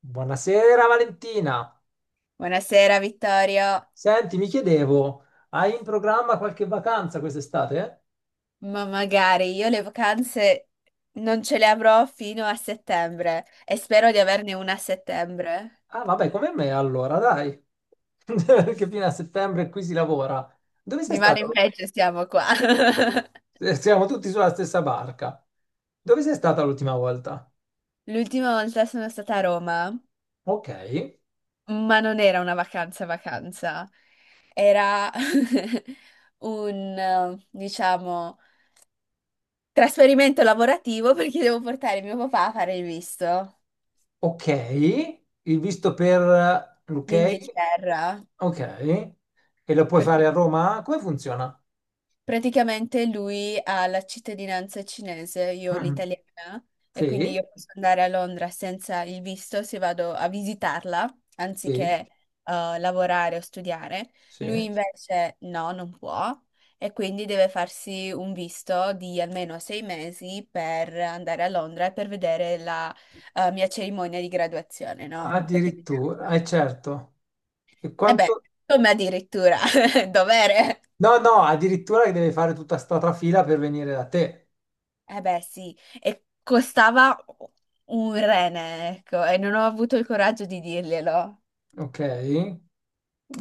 Buonasera Valentina. Buonasera Vittorio, Senti, mi chiedevo, hai in programma qualche vacanza quest'estate? ma magari io le vacanze non ce le avrò fino a settembre e spero di averne una a settembre. Ah, vabbè, come me allora, dai. Perché fino a settembre qui si lavora. Dove sei Di male stata? in peggio siamo qua. Siamo tutti sulla stessa barca. Dove sei stata l'ultima volta? L'ultima volta sono stata a Roma, Ok, ma non era una vacanza vacanza, era un trasferimento lavorativo perché devo portare mio papà a fare il visto, ok. Il visto per l'UK? l'Inghilterra. Ok. E lo puoi Perché fare a Roma? Come funziona? Praticamente lui ha la cittadinanza cinese, io ho Mm. l'italiana, e quindi Sì, io posso andare a Londra senza il visto se vado a visitarla, anziché sì, lavorare o studiare. Lui sì. invece no, non può, e quindi deve farsi un visto di almeno 6 mesi per andare a Londra e per vedere la mia cerimonia di graduazione, no? Perché mi Addirittura, è cambio. certo. E E beh, quanto... come addirittura, dovere. No, no, addirittura che deve fare tutta sta trafila per venire da te. Eh beh, sì, e costava un rene, ecco, e non ho avuto il coraggio di dirglielo. Ok?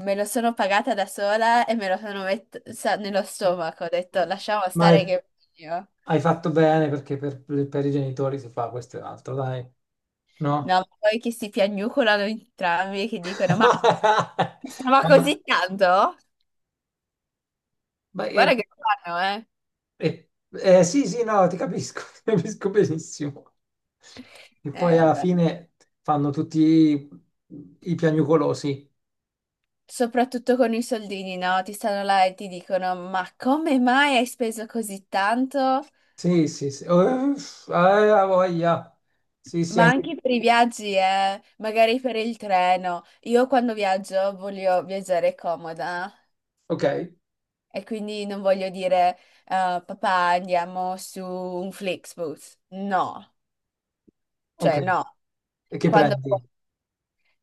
Me lo sono pagata da sola e me lo sono messa nello stomaco. Ho detto, M- lasciamo Ma hai stare che io. hai fatto bene perché per i genitori si fa questo e l'altro, dai. No, No? ma poi che si piagnucolano entrambi, che dicono, ma stava Ma- così tanto? ma è- Guarda che fanno, eh. è- sì, sì, no, ti capisco, ti capisco benissimo. E poi alla Beh. fine fanno tutti i piagnucolosi. Soprattutto con i soldini, no? Ti stanno là e ti dicono, ma come mai hai speso così tanto? Sì, sì, sì. Oh, uff, ah, voglia. Sì, sì, Ma anche... anche per i viaggi, magari per il treno. Io quando viaggio voglio viaggiare comoda Ok, e quindi non voglio dire papà andiamo su un Flixbus. No, ok. cioè no, E che quando prendi?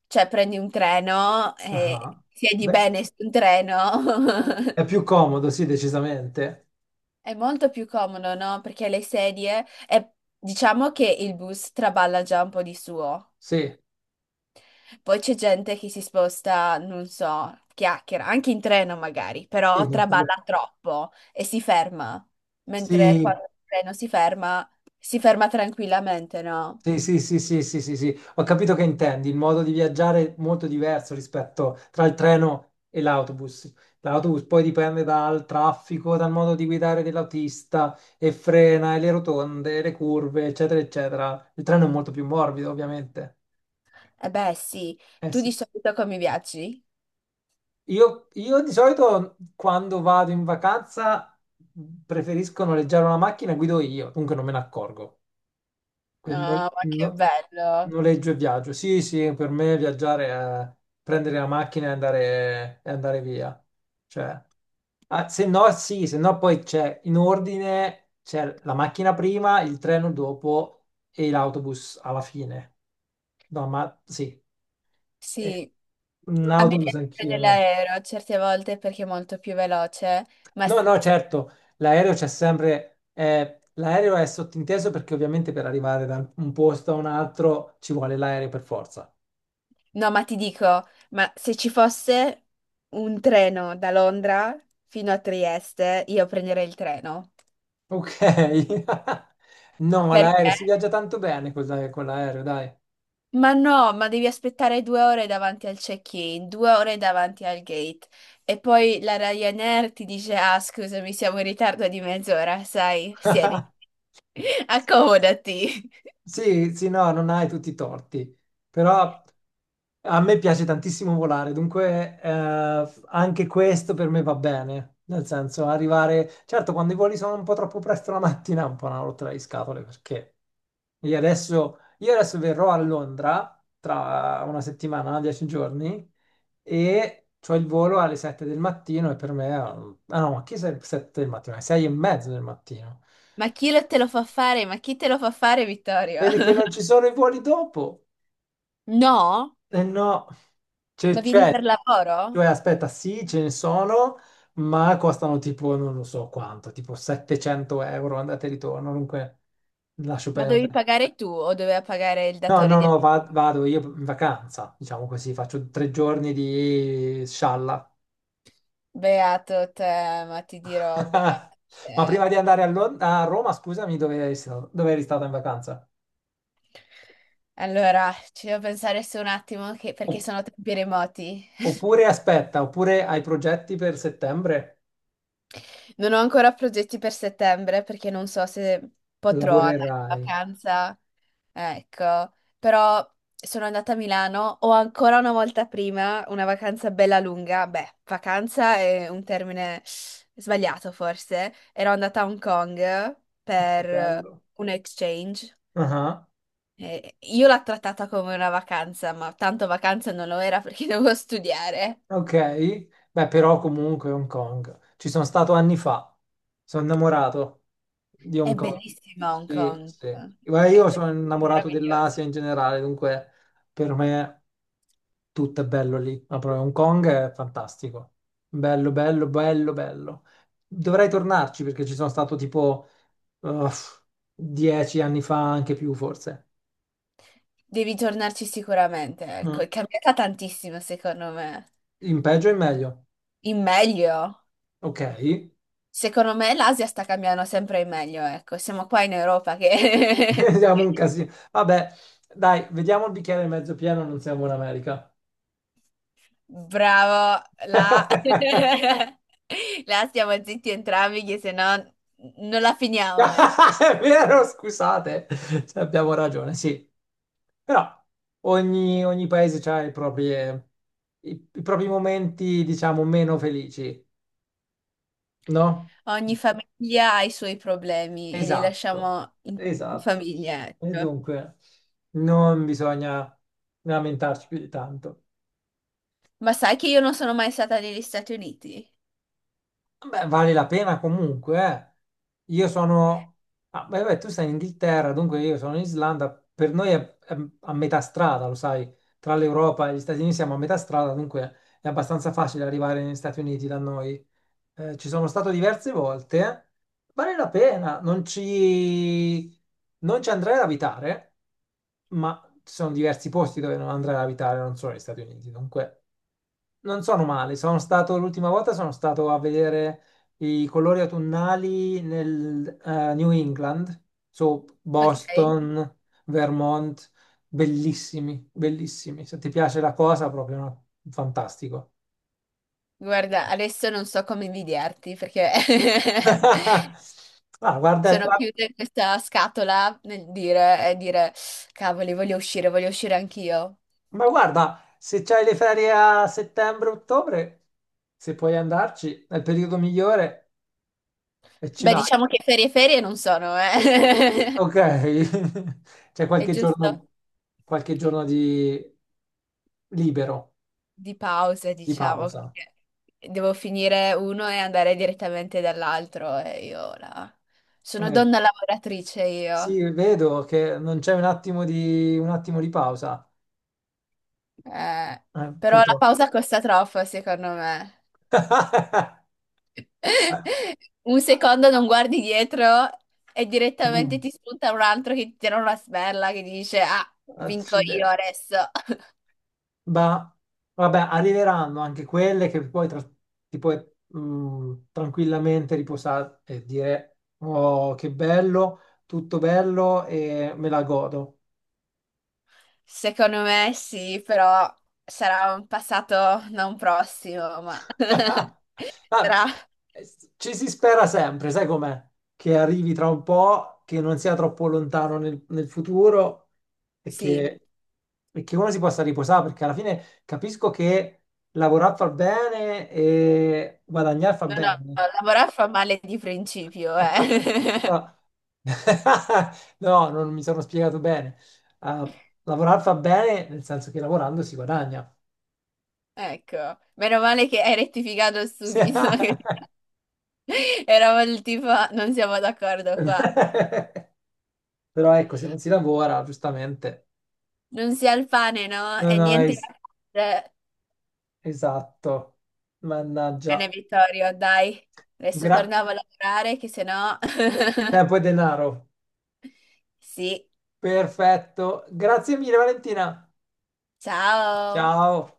cioè, prendi un treno e Ah, siedi beh, bene su un treno è più comodo, sì, decisamente. è molto più comodo, no? Perché le sedie e diciamo che il bus traballa già un po' di suo. Sì, Poi c'è gente che si sposta, non so, chiacchiera, anche in treno magari, sì, però no, quello- traballa troppo e si ferma, mentre Sì, quando il treno si ferma tranquillamente, no? sì, sì, sì, sì, sì, sì, sì. Ho capito che intendi. Il modo di viaggiare è molto diverso rispetto tra il treno e l'autobus. L'autobus poi dipende dal traffico, dal modo di guidare dell'autista e frena, e le rotonde, le curve, eccetera, eccetera. Il treno è molto più morbido, ovviamente. Eh beh, sì. Eh Tu sì. di solito come viaggi? Io di solito quando vado in vacanza preferisco noleggiare una macchina e guido io, dunque non me ne accorgo. Quindi Ah, ma che bello. noleggio e viaggio. Sì, sì, per me viaggiare è prendere la macchina e andare via. Cioè, ah, se no, sì, se no poi c'è in ordine, c'è la macchina prima, il treno dopo e l'autobus alla fine. No, ma sì, eh, Sì. un A me autobus piace anch'io, prendere no? l'aereo certe volte perché è molto più veloce, ma No, no, certo, l'aereo c'è sempre, l'aereo è sottinteso perché ovviamente per arrivare da un posto a un altro ci vuole l'aereo per forza. No, ma ti dico, ma se ci fosse un treno da Londra fino a Trieste, io prenderei il treno. Ok. No, l'aereo Perché? si viaggia tanto bene con l'aereo, dai. Ma no, ma devi aspettare 2 ore davanti al check-in, 2 ore davanti al gate. E poi la Ryanair ti dice, ah, scusami, siamo in ritardo di mezz'ora, sai, siediti, accomodati. Sì, sì, no, non hai tutti i torti, però a me piace tantissimo volare, dunque anche questo per me va bene. Nel senso, arrivare... Certo, quando i voli sono un po' troppo presto la mattina è un po' una rotta di scatole, perché io adesso verrò a Londra tra una settimana, dieci giorni, e ho il volo alle sette del mattino e per me. Ah no, ma che sette del mattino? Alle sei e mezzo del mattino. Ma chi lo te lo fa fare? Ma chi te lo fa fare, Vittorio? Perché non ci sono i voli dopo. No? Eh no, cioè, Ma vieni cioè, per lavoro? Aspetta, sì, ce ne sono, ma costano tipo, non lo so quanto, tipo 700 euro andata e ritorno, dunque lascio Ma dovevi perdere. pagare tu o doveva pagare il No, datore no, di... no, vado io in vacanza, diciamo così, faccio tre giorni di scialla. Beato te, ma ti dirò, beato Ma prima te. di andare a Roma, scusami, dove eri stato in vacanza? Allora, ci devo pensare su un attimo perché O- sono tempi remoti. oppure aspetta, oppure hai progetti per settembre? Non ho ancora progetti per settembre perché non so se potrò andare in Lavorerai. vacanza. Ecco, però sono andata a Milano, ho ancora una volta prima una vacanza bella lunga. Beh, vacanza è un termine sbagliato forse. Ero andata a Hong Kong Che per bello. un exchange. Ah. E io l'ho trattata come una vacanza, ma tanto vacanza non lo era perché dovevo studiare. Ok, beh, però comunque Hong Kong. Ci sono stato anni fa. Sono innamorato di È Hong Kong. bellissima Hong Sì, Kong, sì. Guarda, è io sono qualcosa di innamorato dell'Asia in meraviglioso. generale, dunque per me tutto è bello lì. Ma proprio Hong Kong è fantastico. Bello, bello, bello, bello. Dovrei tornarci perché ci sono stato tipo uff, dieci anni fa, anche più forse. Devi tornarci sicuramente, ecco, Mm. è cambiata tantissimo secondo me. In peggio e in meglio. In meglio. Ok. Secondo me l'Asia sta cambiando sempre in meglio, ecco. Siamo qua in Europa che... Siamo un casino. Vabbè, dai, vediamo il bicchiere mezzo pieno, non siamo in America. Bravo, là. È Là stiamo zitti entrambi che se no non la finiamo, eh. vero, scusate, cioè, abbiamo ragione, sì. Però ogni paese ha i propri, i propri momenti, diciamo, meno felici, no? Ogni famiglia ha i suoi problemi e li Esatto, lasciamo in esatto. famiglia, E ecco. dunque, non bisogna lamentarci più di tanto. Ma sai che io non sono mai stata negli Stati Uniti, Beh, vale la pena comunque. Eh. Io sono... ah, beh, tu sei in Inghilterra, dunque io sono in Islanda. Per noi è a metà strada, lo sai, tra l'Europa e gli Stati Uniti siamo a metà strada, dunque è abbastanza facile arrivare negli Stati Uniti da noi. Ci sono stato diverse volte. Vale la pena, non ci andrei ad abitare, ma ci sono diversi posti dove non andrei ad abitare, non solo negli Stati Uniti. Dunque... Non sono male, sono stato a vedere i colori autunnali nel New England, su ok? Boston, Vermont, bellissimi, bellissimi. Se ti piace la cosa, proprio no? Fantastico. Guarda, adesso non so come invidiarti perché Ah, sono chiusa in questa scatola nel dire, e dire, cavoli, voglio uscire anch'io. ma guarda, se c'hai le ferie a settembre-ottobre, se puoi andarci, è il periodo migliore e ci Beh, vai. diciamo che ferie ferie non sono, eh. Ok, c'è È giusto qualche giorno di libero, di pausa, di diciamo, pausa. perché devo finire uno e andare direttamente dall'altro e io sono Eh, donna lavoratrice sì, io. vedo che non c'è un attimo di pausa, Eh, però la purtroppo. pausa costa troppo, secondo me. Un secondo non guardi dietro e direttamente Boom, ti spunta un altro che ti tira una sberla che dice: Ah, vinco io accidenti. adesso. Ma vabbè, arriveranno anche quelle che ti puoi mm, tranquillamente riposare e dire, oh, che bello, tutto bello e me la godo. Secondo me sì, però sarà un passato non prossimo, ma Ah, sarà eh, ci si spera sempre, sai com'è? Che arrivi tra un po', che non sia troppo lontano nel futuro e sì. che, e che uno si possa riposare, perché alla fine capisco che lavorare fa bene e guadagnare fa No, no, bene. lavorare fa male di principio, eh. No, no, non mi sono spiegato bene. Ah, lavorare fa bene nel senso che lavorando si guadagna. Ecco, meno male che hai rettificato subito. Eravamo il tipo, non siamo d'accordo qua. Però ecco, se non si lavora, giustamente, Non si ha il pane, no? non E hai... niente da fare. Esatto. Bene, Mannaggia. Vittorio, dai. Adesso Gra... tornavo a lavorare, che se no... Tempo e denaro. Sì, Perfetto. Grazie mille, Valentina. ciao! Ciao.